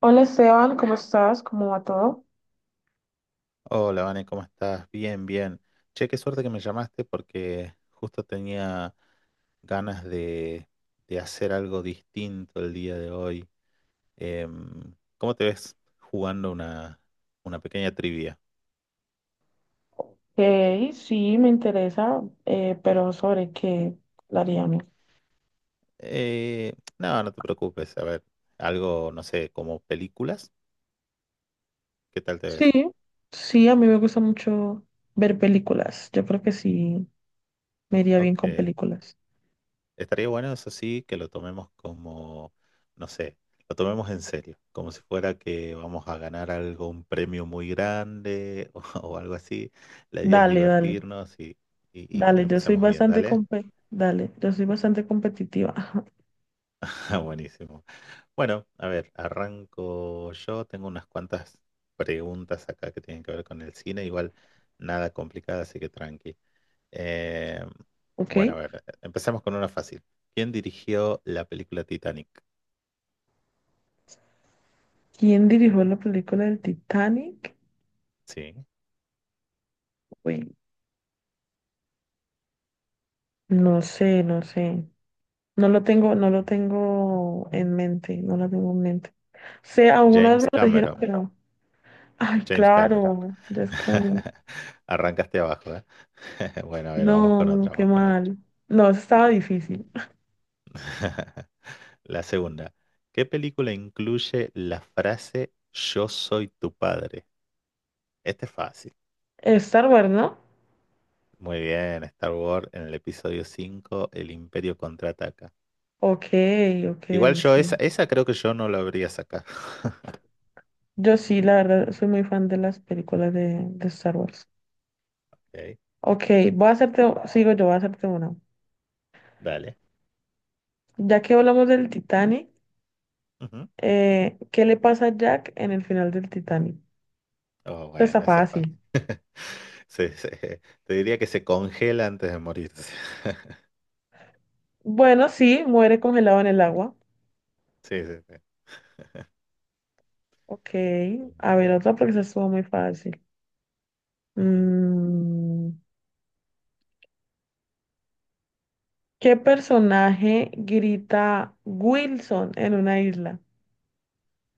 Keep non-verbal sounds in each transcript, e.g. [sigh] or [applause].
Hola Esteban, ¿cómo estás? ¿Cómo va todo? Hola, Vane, ¿cómo estás? Bien, bien. Che, qué suerte que me llamaste porque justo tenía ganas de hacer algo distinto el día de hoy. ¿Cómo te ves jugando una pequeña trivia? Ok, sí, me interesa, pero ¿sobre qué hablaríamos? Eh, no, no te preocupes. A ver, algo, no sé, como películas. ¿Qué tal te ves? Sí, sí, a mí me gusta mucho ver películas. Yo creo que sí, me iría bien con Ok. películas. Estaría bueno, eso sí, que lo tomemos como, no sé, lo tomemos en serio, como si fuera que vamos a ganar algo, un premio muy grande [laughs] o algo así. La idea es Dale, dale, divertirnos y que dale, la yo soy pasemos bien, bastante ¿dale? Dale, yo soy bastante competitiva. [laughs] [laughs] Ah, buenísimo. Bueno, a ver, arranco yo. Tengo unas cuantas preguntas acá que tienen que ver con el cine, igual nada complicada, así que tranqui. Eh, bueno, a ¿Ok? ver, empezamos con una fácil. ¿Quién dirigió la película Titanic? ¿Quién dirigió la película del Titanic? Sí. Uy, no sé. No lo tengo, no lo tengo en mente, no lo tengo en mente. Sé, alguna vez James me lo dijeron, Cameron. pero, ay, James Cameron. claro, ya es que... [laughs] Arrancaste abajo, ¿eh? [laughs] Bueno, a ver, vamos con No, otra, qué vamos con otra. mal. No, eso estaba difícil. [laughs] [laughs] La segunda. ¿Qué película incluye la frase Yo soy tu padre? Este es fácil. Star Wars, ¿no? Muy bien, Star Wars en el episodio 5, El Imperio contraataca. Ok, ok, Igual yo esa, sí. esa creo que yo no la habría sacado. [laughs] Yo sí, la verdad, soy muy fan de las películas de Star Wars. Ok, Ok, sigo yo, voy a hacerte una. dale. Ya que hablamos del Titanic, Ujú. ¿Qué le pasa a Jack en el final del Titanic? Oh, Esto está bueno, esa es fácil. fácil. Te diría que se congela antes de morirse. [laughs] Bueno, sí, muere congelado en el agua. Sí, sí, sí. Ok, a ver, otra porque esa estuvo muy fácil. Ujú. Mm, ¿qué personaje grita Wilson en una isla?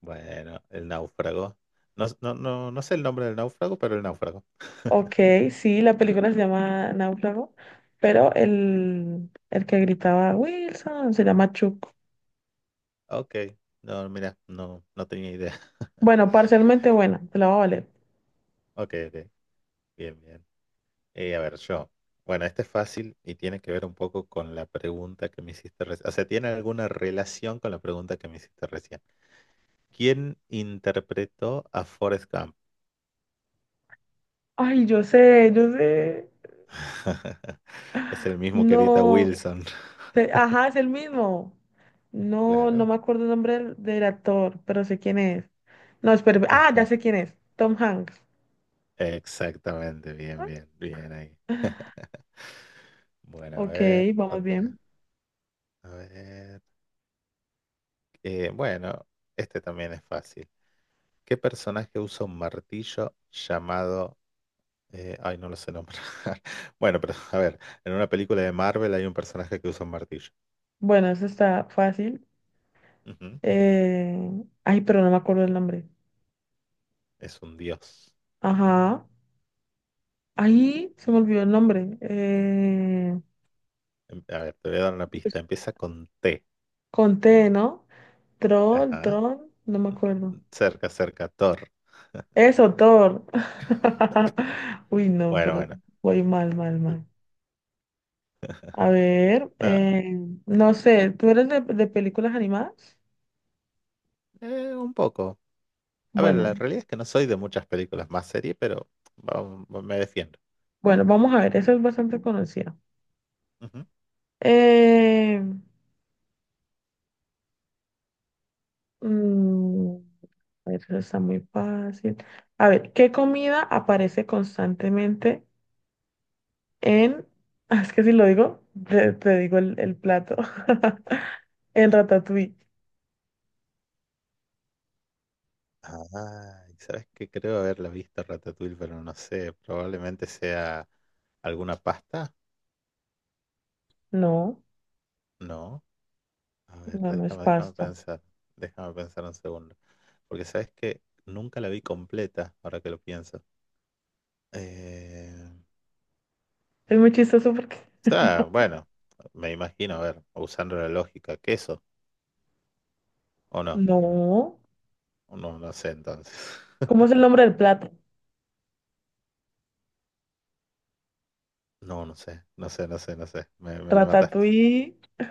Bueno, el náufrago. No, no, no, no sé el nombre del náufrago, pero el náufrago. Ok, sí, la película se llama Náufrago, pero el que gritaba Wilson se llama Chuck. Ok. No, mira, no, no tenía idea. [laughs] Bueno, parcialmente buena, te la va a valer. Ok, ok. Bien, bien. A ver, yo. Bueno, este es fácil y tiene que ver un poco con la pregunta que me hiciste recién. O sea, tiene alguna relación con la pregunta que me hiciste recién. ¿Quién interpretó a Forrest Gump? Ay, yo sé, yo sé. [laughs] Es el mismo que edita No, Wilson. [laughs] Ajá, es el mismo. No, no Claro. me acuerdo el nombre del actor, pero sé quién es. No, espera, ah, ya sé [laughs] quién es, Tom Hanks. Exactamente, bien, bien, bien ahí. Bueno, a Ok, ver, vamos otra. bien. A ver. Bueno, este también es fácil. ¿Qué personaje usa un martillo llamado... ay, no lo sé nombrar. [laughs] Bueno, pero a ver, en una película de Marvel hay un personaje que usa un martillo. Bueno, eso está fácil. Ujú. Eh, Ay, pero no me acuerdo el nombre. Es un dios. Ajá. Ahí se me olvidó el nombre. A ver, te voy a dar una pista. Pues, Empieza con T. con T, ¿no? Troll, Ajá. Tron, no me acuerdo. Cerca, cerca, Thor. Eso, Thor. [laughs] Uy, no, Bueno, pero bueno. voy mal, mal, L- mal. A ver, nada, no sé, ¿tú eres de películas animadas? Un poco. A ver, Bueno, la realidad es que no soy de muchas películas más serie, pero vamos, me defiendo. bueno, vamos a ver, eso es bastante conocida. Eh, Mm, a ver, eso está muy fácil. A ver, ¿qué comida aparece constantemente en... [laughs] Es que si lo digo, te digo el plato. [laughs] En Ratatouille. Ah, y ¿sabes que creo haberla visto Ratatouille, pero no sé, probablemente sea alguna pasta, No, ¿no? A ver, no, no es déjame pasta. pensar, déjame pensar un segundo, porque sabes que nunca la vi completa, ahora que lo pienso. Eh, Es muy chistoso porque... o sea, bueno, me imagino, a ver, usando la lógica, queso, ¿o no? No. No, no sé entonces. [laughs] ¿Cómo es el nombre del plato? No, no sé, no sé, no sé, no sé, me mataste. Ratatouille. [laughs]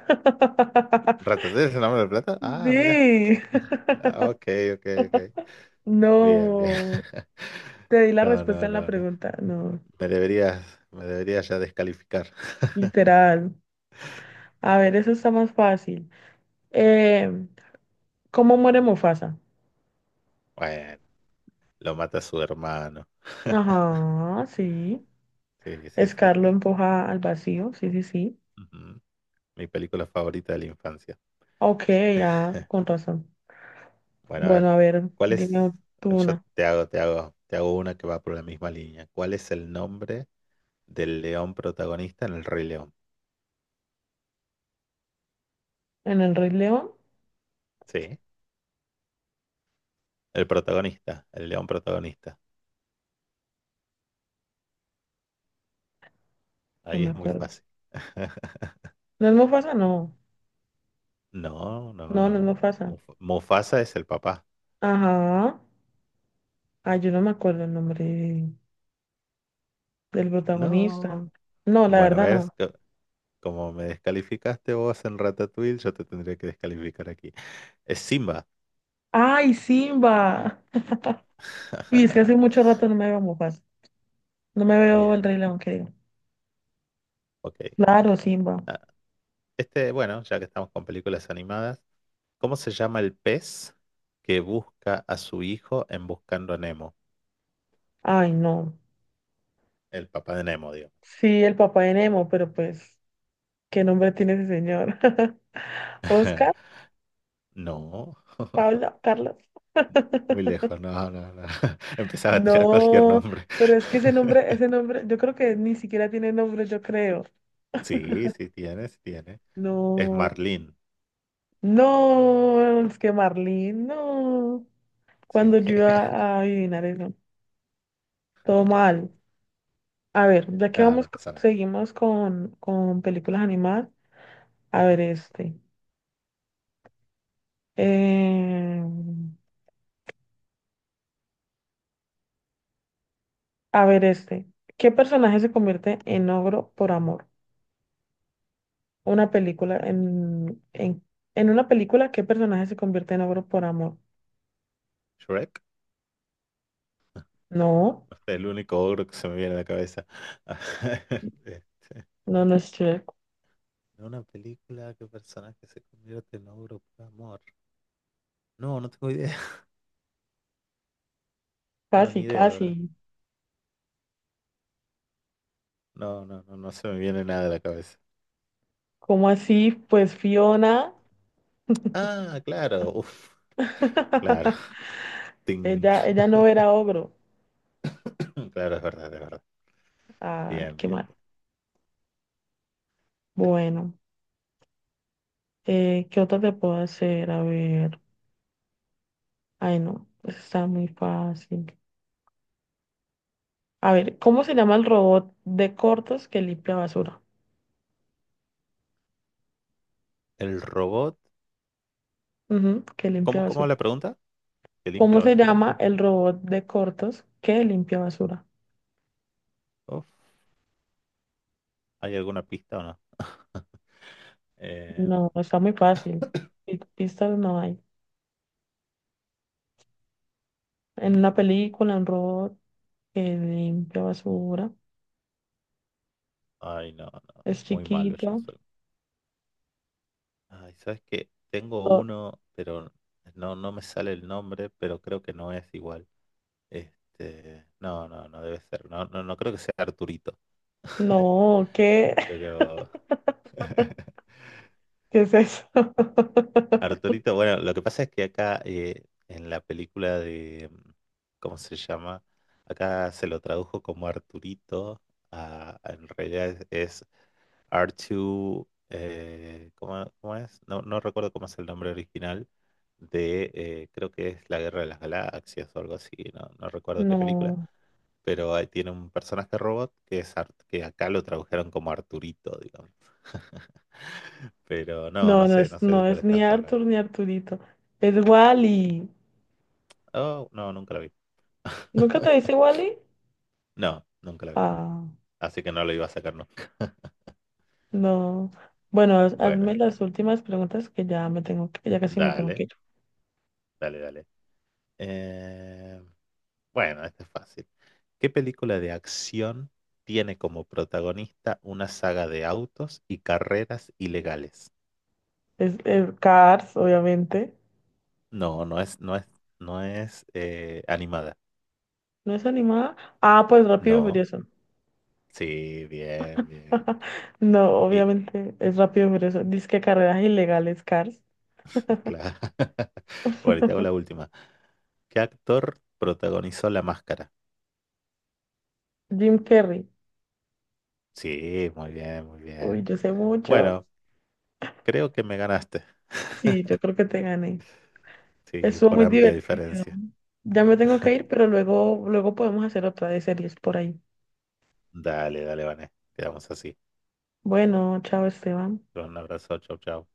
¿Ratatouille es el nombre de plata? Ah, mira, Sí. ah, ok, ok, ok. Bien, bien. No. [laughs] Te di la No, respuesta no, en la no, no. pregunta. No. Me deberías, me deberías ya descalificar. Literal. A ver, eso está más fácil. Eh, ¿Cómo muere Mufasa? Bueno, lo mata su hermano. Ajá, sí. Sí, sí, sí, Scar lo sí, sí. empuja al vacío, sí, sí, sí. Ujú. Mi película favorita de la infancia. Ok, ya, con razón. Bueno, a ver, Bueno, a ver, ¿cuál dime es? tú Yo una. te hago, te hago una que va por la misma línea. ¿Cuál es el nombre del león protagonista en El Rey León? ¿En el Rey León? Sí, el protagonista, el león protagonista. No Ahí me es muy acuerdo. fácil. [laughs] ¿No es Mufasa? No. No, no, No, no es no. Mufasa. Mufasa es el papá. Ajá. Ay, yo no me acuerdo el del protagonista. No. No, la Bueno, verdad no. ¿ves? Como me descalificaste vos en Ratatouille, yo te tendría que descalificar aquí. Es Simba. ¡Ay, Simba! [laughs] Y es que hace [laughs] mucho rato no me veo Mufasa. No me veo el Bien, Rey León, que digo. ok. Claro, Simba. Ah, este, bueno, ya que estamos con películas animadas, ¿cómo se llama el pez que busca a su hijo en Buscando a Nemo? Ay, no. El papá de Nemo, digo. Sí, el papá de Nemo, pero pues, ¿qué nombre tiene ese señor? [laughs] Oscar, [laughs] No, [laughs] Pablo, Carlos. muy [laughs] lejos, no, no, no. [laughs] Empezaba a tirar cualquier No, nombre. pero es que [laughs] ese nombre, yo creo que ni siquiera tiene nombre, yo creo. [laughs] Sí, sí tiene, sí tiene. Es No, Marlene, no, es que Marlene, no. Cuando sí. yo iba [laughs] a adivinar eso, todo mal. A ver, ya que No, vamos, no pasa nada. seguimos con películas animadas. A ver, Ujú. este. Eh, A ver este. ¿Qué personaje se convierte en ogro por amor? Una película en una película, ¿qué personaje se convierte en ogro por amor? Shrek. No, El único ogro que se me viene a la cabeza. [laughs] Este, no, no es Shrek. una película que personaje se convierte en ogro por amor. No, no tengo idea. [laughs] No, ni Casi, idea, la verdad. casi. No, no, no, no se me viene nada a la cabeza. ¿Cómo así? Pues Fiona. [laughs] Ah, claro. Uf, claro. Ting. Ella no era ogro. [laughs] Claro, es verdad, es verdad. Ah, Bien, qué bien, mal. bien. Bueno, ¿qué otra te puedo hacer? A ver. Ay, no, eso está muy fácil. A ver, ¿cómo se llama el robot de cortos que limpia basura? El robot. Ujú, que limpia ¿Cómo, cómo la basura. pregunta? ¿Que limpia ¿Cómo se basura? llama el robot de cortos que limpia basura? Uf, ¿hay alguna pista o no? Eh, No, está muy fácil. Pistas no hay. En una mm, película, un robot que limpia basura. ay, no, no. Es Muy malo yo chiquito. soy. Ay, ¿sabes qué? Tengo Oh, uno, pero no, no me sale el nombre, pero creo que no es igual. Este, no, no, no debe ser. No, no, no creo que sea Arturito. [laughs] no, ¿qué? [laughs] Pero [laughs] ¿Qué es eso? [laughs] Arturito, bueno, lo que pasa es que acá en la película de, ¿cómo se llama? Acá se lo tradujo como Arturito. En realidad es R2, ¿cómo, cómo es? No, no recuerdo cómo es el nombre original de, creo que es La Guerra de las Galaxias o algo así, no, no recuerdo qué película, No, pero ahí tiene un personaje robot que es que acá lo tradujeron como Arturito, digamos. Pero no, no no, sé, no sé de no cuál es ni estás hablando. Arthur ni Arturito. Es Wally. Oh, no, nunca la vi. ¿Nunca te dice [laughs] Wally? No, nunca la vi. Ah, Así que no lo iba a sacar nunca. no. Bueno, hazme Bueno, las últimas preguntas que ya me tengo que, ya casi me tengo que dale, ir. dale, dale. Eh, bueno, este es fácil. ¿Qué película de acción tiene como protagonista una saga de autos y carreras ilegales? Es, Cars, obviamente. No, no es, no es, no es animada. ¿No es animada? Ah, pues Rápido y No, Furioso. sí, bien, bien. [laughs] No, Y obviamente es Rápido y Furioso. Dice que carreras ilegales, Cars. claro. [laughs] Bueno, y te hago la última. ¿Qué actor protagonizó La Máscara? Jim Carrey. Sí, muy bien, muy bien. Uy, yo sé mucho. Bueno, creo que me ganaste, Sí, yo creo que te gané. sí, Estuvo por muy amplia divertido. diferencia. Ya me tengo que ir, pero luego, luego podemos hacer otra de series por ahí. Dale, dale, Vané. Quedamos así. Bueno, chao, Esteban. Un abrazo, chau, chau.